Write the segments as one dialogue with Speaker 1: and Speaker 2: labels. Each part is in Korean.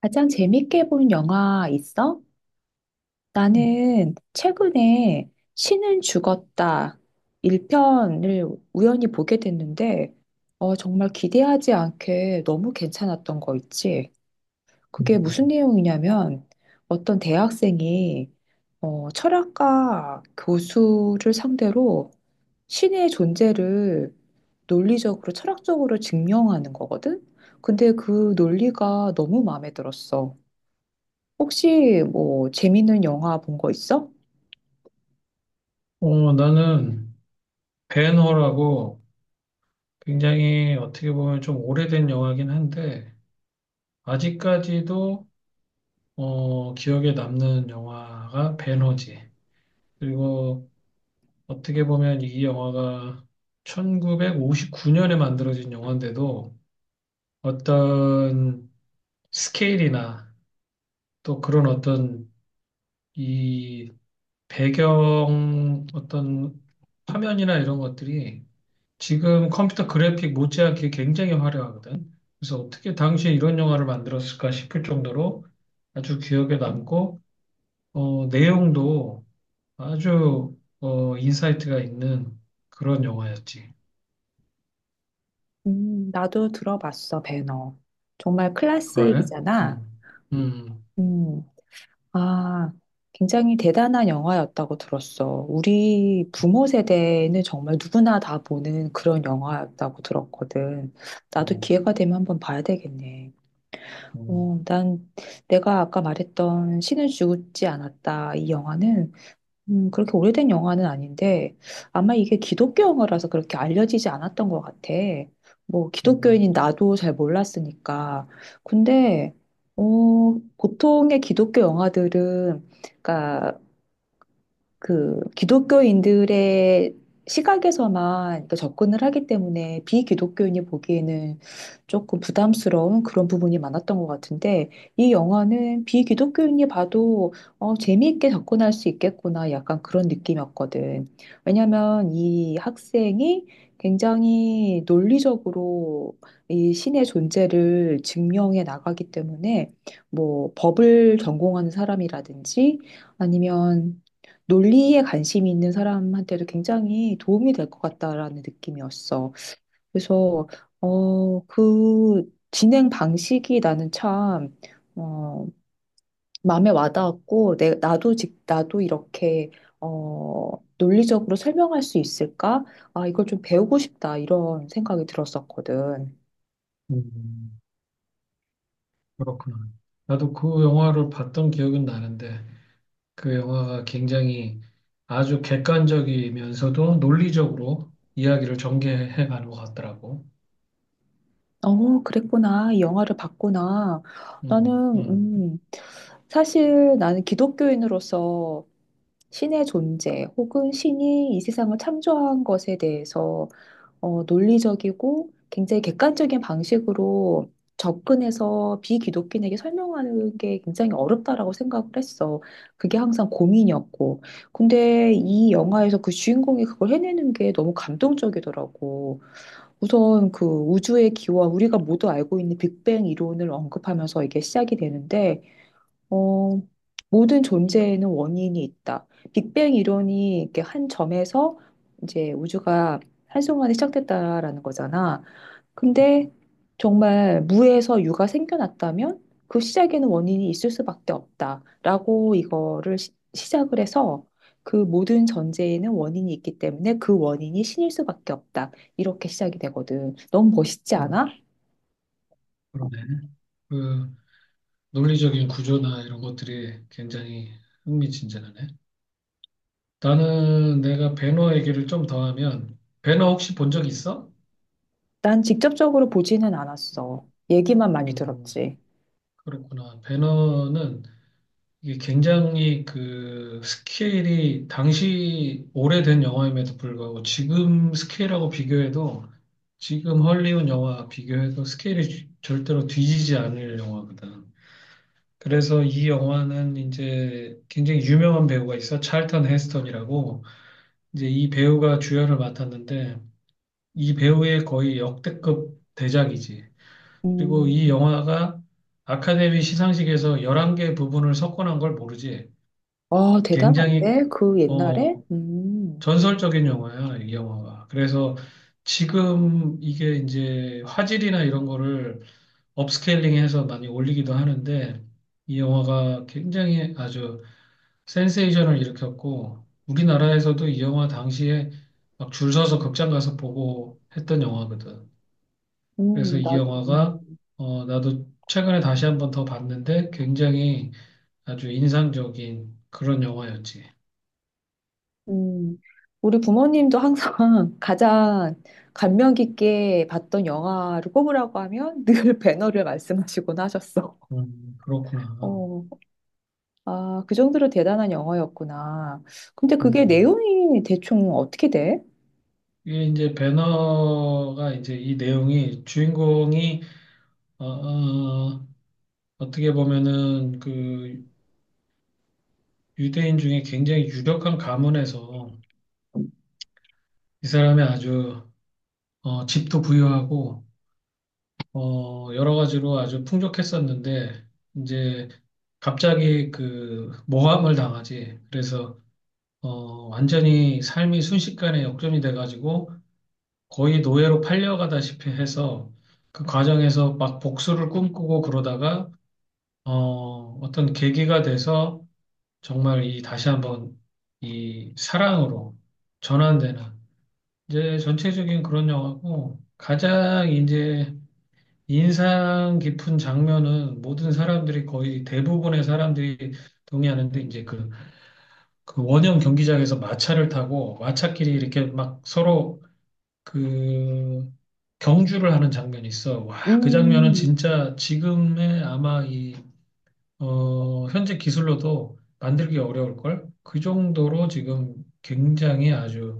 Speaker 1: 가장 재밌게 본 영화 있어?
Speaker 2: 음.
Speaker 1: 나는 최근에 신은 죽었다 1편을 우연히 보게 됐는데, 정말 기대하지 않게 너무 괜찮았던 거 있지. 그게 무슨 내용이냐면 어떤 대학생이 철학과 교수를 상대로 신의 존재를 논리적으로 철학적으로 증명하는 거거든? 근데 그 논리가 너무 마음에 들었어. 혹시 뭐 재밌는 영화 본 거 있어?
Speaker 2: 나는 벤허라고 굉장히 어떻게 보면 좀 오래된 영화긴 한데, 아직까지도 기억에 남는 영화가 벤허지. 그리고 어떻게 보면 이 영화가 1959년에 만들어진 영화인데도 어떤 스케일이나 또 그런 어떤 이 배경 어떤 화면이나 이런 것들이 지금 컴퓨터 그래픽 못지않게 굉장히 화려하거든. 그래서 어떻게 당시에 이런 영화를 만들었을까 싶을 정도로 아주 기억에 남고, 내용도 인사이트가 있는 그런 영화였지.
Speaker 1: 나도 들어봤어, 배너. 정말
Speaker 2: 그래?
Speaker 1: 클래식이잖아.
Speaker 2: 음, 음,
Speaker 1: 음, 아, 굉장히 대단한 영화였다고 들었어. 우리 부모 세대는 정말 누구나 다 보는 그런 영화였다고 들었거든. 나도
Speaker 2: 음,
Speaker 1: 기회가 되면 한번 봐야 되겠네.
Speaker 2: 음,
Speaker 1: 난 내가 아까 말했던 신은 죽지 않았다. 이 영화는 그렇게 오래된 영화는 아닌데, 아마 이게 기독교 영화라서 그렇게 알려지지 않았던 것 같아. 뭐,
Speaker 2: 음,
Speaker 1: 기독교인인 나도 잘 몰랐으니까. 근데, 보통의 기독교 영화들은, 그러니까 그 기독교인들의 시각에서만 또 접근을 하기 때문에 비기독교인이 보기에는 조금 부담스러운 그런 부분이 많았던 것 같은데 이 영화는 비기독교인이 봐도 재미있게 접근할 수 있겠구나 약간 그런 느낌이었거든. 왜냐하면 이 학생이 굉장히 논리적으로 이 신의 존재를 증명해 나가기 때문에 뭐 법을 전공하는 사람이라든지 아니면 논리에 관심이 있는 사람한테도 굉장히 도움이 될 것 같다라는 느낌이었어. 그래서, 그 진행 방식이 나는 참, 어, 마음에 와닿았고, 나도 나도 이렇게, 어, 논리적으로 설명할 수 있을까? 아, 이걸 좀 배우고 싶다, 이런 생각이 들었었거든.
Speaker 2: 음. 그렇구나. 나도 그 영화를 봤던 기억은 나는데, 그 영화가 굉장히 아주 객관적이면서도 논리적으로 이야기를 전개해 가는 것 같더라고.
Speaker 1: 어, 그랬구나. 이 영화를 봤구나. 나는,
Speaker 2: 음, 음,
Speaker 1: 음, 사실 나는 기독교인으로서 신의 존재 혹은 신이 이 세상을 창조한 것에 대해서 논리적이고 굉장히 객관적인 방식으로 접근해서 비기독교인에게 설명하는 게 굉장히 어렵다라고 생각을 했어. 그게 항상 고민이었고. 근데 이 영화에서 그 주인공이 그걸 해내는 게 너무 감동적이더라고. 우선 그 우주의 기원, 우리가 모두 알고 있는 빅뱅 이론을 언급하면서 이게 시작이 되는데 어, 모든 존재에는 원인이 있다. 빅뱅 이론이 이렇게 한 점에서 이제 우주가 한순간에 시작됐다라는 거잖아. 근데 정말 무에서 유가 생겨났다면 그 시작에는 원인이 있을 수밖에 없다라고 이거를 시작을 해서 그 모든 존재에는 원인이 있기 때문에 그 원인이 신일 수밖에 없다. 이렇게 시작이 되거든. 너무 멋있지
Speaker 2: 음,
Speaker 1: 않아?
Speaker 2: 그러네. 그 논리적인 구조나 이런 것들이 굉장히 흥미진진하네. 나는 내가 배너 얘기를 좀 더 하면 배너 혹시 본 적 있어?
Speaker 1: 난 직접적으로 보지는 않았어. 얘기만 많이
Speaker 2: 음,
Speaker 1: 들었지.
Speaker 2: 그렇구나. 배너는 이게 굉장히 그 스케일이 당시 오래된 영화임에도 불구하고 지금 스케일하고 비교해도 지금 헐리우드 영화 비교해도 스케일이 절대로 뒤지지 않을 영화거든. 그래서 이 영화는 이제 굉장히 유명한 배우가 있어. 찰턴 헤스턴이라고. 이제 이 배우가 주연을 맡았는데 이 배우의 거의 역대급 대작이지. 그리고 이
Speaker 1: 음.
Speaker 2: 영화가 아카데미 시상식에서 11개 부분을 석권한 걸 모르지.
Speaker 1: 아,
Speaker 2: 굉장히
Speaker 1: 대단한데? 그 옛날에?
Speaker 2: 어 전설적인 영화야, 이 영화가. 그래서 지금 이게 이제 화질이나 이런 거를 업스케일링해서 많이 올리기도 하는데 이 영화가 굉장히 아주 센세이션을 일으켰고 우리나라에서도 이 영화 당시에 막 줄 서서 극장 가서 보고 했던 영화거든. 그래서 이
Speaker 1: 나, 음,
Speaker 2: 영화가 나도 최근에 다시 한번 더 봤는데 굉장히 아주 인상적인 그런 영화였지.
Speaker 1: 음. 우리 부모님도 항상 가장 감명 깊게 봤던 영화를 꼽으라고 하면 늘 배너를 말씀하시곤 하셨어. 어,
Speaker 2: 그렇구나.
Speaker 1: 아, 그 정도로 대단한 영화였구나. 근데 그게
Speaker 2: 음.
Speaker 1: 내용이 대충 어떻게 돼?
Speaker 2: 이게 이제 배너가 이제 이 내용이 주인공이 어, 어, 어떻게 보면은 그 유대인 중에 굉장히 유력한 가문에서 이 사람이 아주 집도 부유하고, 여러 가지로 아주 풍족했었는데, 이제 갑자기 그 모함을 당하지. 그래서, 완전히 삶이 순식간에 역전이 돼가지고 거의 노예로 팔려가다시피 해서 그 과정에서 막 복수를 꿈꾸고 그러다가, 어떤 계기가 돼서 정말 이 다시 한번 이 사랑으로 전환되는 이제 전체적인 그런 영화고 가장 이제 인상 깊은 장면은 모든 사람들이 거의 대부분의 사람들이 동의하는데 이제 그, 그 원형 경기장에서 마차를 타고 마차끼리 이렇게 막 서로 그 경주를 하는 장면이 있어. 와, 그 장면은
Speaker 1: 음,
Speaker 2: 진짜 지금의 아마 이, 현재 기술로도 만들기 어려울걸? 그 정도로 지금 굉장히 아주,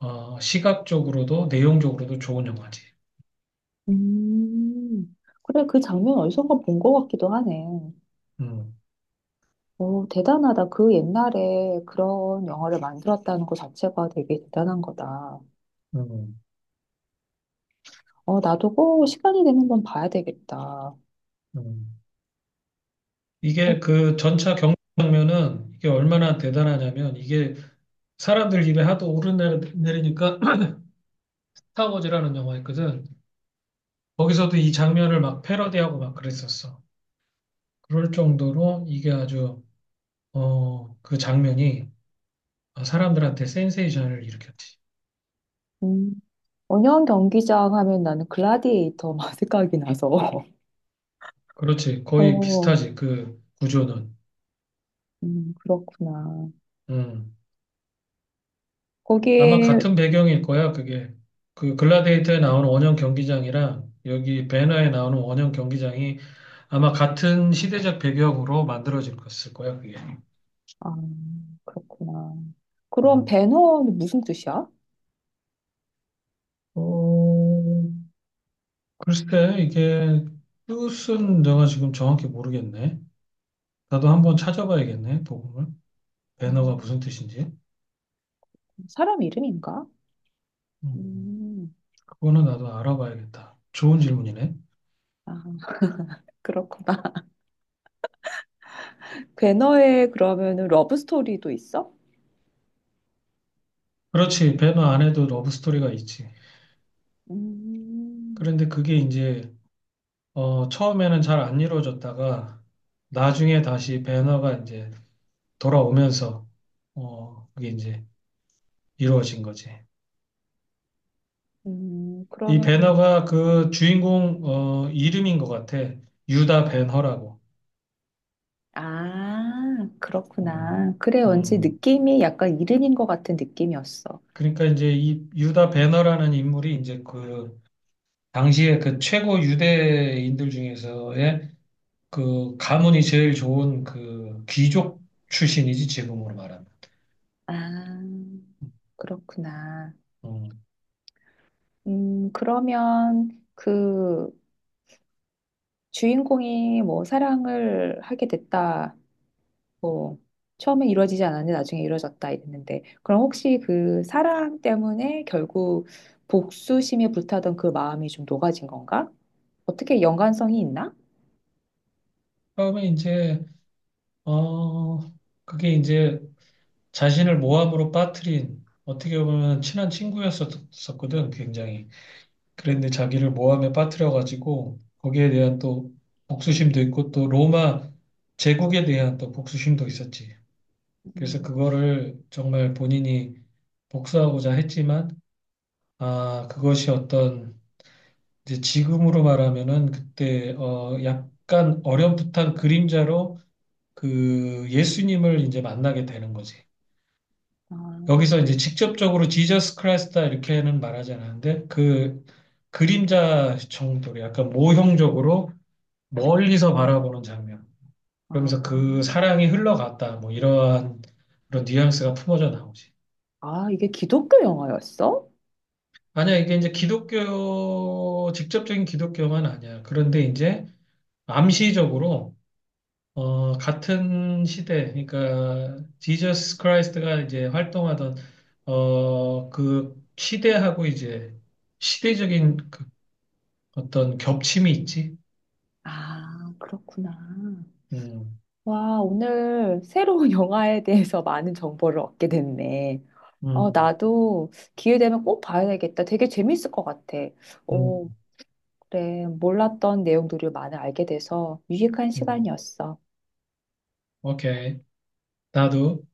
Speaker 2: 시각적으로도 내용적으로도 좋은 영화지.
Speaker 1: 음. 그래, 그 장면 어디선가 본 것 같기도 하네.
Speaker 2: 음,
Speaker 1: 오, 대단하다. 그 옛날에 그런 영화를 만들었다는 것 자체가 되게 대단한 거다.
Speaker 2: 음,
Speaker 1: 어, 나도 꼭 시간이 되는 건 봐야 되겠다.
Speaker 2: 음.
Speaker 1: 어,
Speaker 2: 이게 그 전차 경장면은 이게 얼마나 대단하냐면 이게 사람들 입에 하도 오르내리니까 스타워즈라는 영화 있거든. 거기서도 이 장면을 막 패러디하고 막 그랬었어. 그럴 정도로 이게 아주 그 장면이 사람들한테 센세이션을 일으켰지.
Speaker 1: 음, 원형 경기장 하면 나는 글라디에이터만 생각이 나서.
Speaker 2: 그렇지. 거의
Speaker 1: 어,
Speaker 2: 비슷하지. 그 구조는.
Speaker 1: 그렇구나.
Speaker 2: 음. 아마
Speaker 1: 거기에,
Speaker 2: 같은 배경일 거야. 그게 그 글라데이터에 나오는 원형 경기장이랑 여기 배너에 나오는 원형 경기장이 아마 같은 시대적 배경으로 만들어질 것일 거야, 그게.
Speaker 1: 아, 그렇구나. 그럼
Speaker 2: 음.
Speaker 1: 배너는 무슨 뜻이야?
Speaker 2: 어, 글쎄, 이게 뜻은 내가 지금 정확히 모르겠네. 나도 한번 찾아봐야겠네, 복음을. 배너가
Speaker 1: 음,
Speaker 2: 무슨 뜻인지.
Speaker 1: 사람 이름인가?
Speaker 2: 음,
Speaker 1: 음,
Speaker 2: 그거는 나도 알아봐야겠다. 좋은 질문이네.
Speaker 1: 아, 그렇구나. 배너에 그러면은 러브 스토리도 있어?
Speaker 2: 그렇지, 배너 안에도 러브 스토리가 있지.
Speaker 1: 음.
Speaker 2: 그런데 그게 이제, 처음에는 잘 안 이루어졌다가, 나중에 다시 배너가 이제 돌아오면서, 그게 이제 이루어진 거지. 이
Speaker 1: 그러면,
Speaker 2: 배너가 그 주인공 이름인 것 같아. 유다 배너라고.
Speaker 1: 아,
Speaker 2: 음,
Speaker 1: 그렇구나. 그래, 왠지
Speaker 2: 음.
Speaker 1: 느낌이 약간 이른인 것 같은 느낌이었어.
Speaker 2: 그러니까 이제 이 유다 배너라는 인물이 이제 그 당시에 그 최고 유대인들 중에서의 그 가문이 제일 좋은 그 귀족 출신이지 지금으로 말하면.
Speaker 1: 아, 그렇구나.
Speaker 2: 음.
Speaker 1: 그러면 그 주인공이 뭐 사랑을 하게 됐다. 뭐, 처음에 이루어지지 않았는데 나중에 이루어졌다 이랬는데, 그럼 혹시 그 사랑 때문에 결국 복수심에 불타던 그 마음이 좀 녹아진 건가? 어떻게 연관성이 있나?
Speaker 2: 그에 이제 어 그게 이제 자신을 모함으로 빠뜨린 어떻게 보면 친한 친구였었거든 굉장히. 그랬는데 자기를 모함에 빠뜨려가지고 거기에 대한 또 복수심도 있고 또 로마 제국에 대한 또 복수심도 있었지. 그래서
Speaker 1: 음,
Speaker 2: 그거를 정말 본인이 복수하고자 했지만 아 그것이 어떤 이제 지금으로 말하면은 그때 약간 어렴풋한 그림자로 그 예수님을 이제 만나게 되는 거지.
Speaker 1: 아,
Speaker 2: 여기서 이제 직접적으로 지저스 크라이스다 이렇게는 말하지 않았는데 그 그림자 정도로 약간 모형적으로 멀리서 바라보는 장면.
Speaker 1: 아.
Speaker 2: 그러면서 그 사랑이 흘러갔다. 뭐 이러한 그런 뉘앙스가 품어져 나오지.
Speaker 1: 아, 이게 기독교 영화였어?
Speaker 2: 아니야, 이게 이제 기독교, 직접적인 기독교만 아니야. 그런데 이제 암시적으로 같은 시대, 그러니까 지저스 크라이스트가 이제 활동하던 그 시대하고 이제 시대적인 그 어떤 겹침이 있지.
Speaker 1: 아, 그렇구나.
Speaker 2: 음,
Speaker 1: 와, 오늘 새로운 영화에 대해서 많은 정보를 얻게 됐네. 어,
Speaker 2: 음,
Speaker 1: 나도 기회 되면 꼭 봐야 되겠다. 되게 재밌을 것 같아. 오,
Speaker 2: 음,
Speaker 1: 그래. 몰랐던 내용들을 많이 알게 돼서 유익한
Speaker 2: 음.
Speaker 1: 시간이었어.
Speaker 2: 오케이. 나도.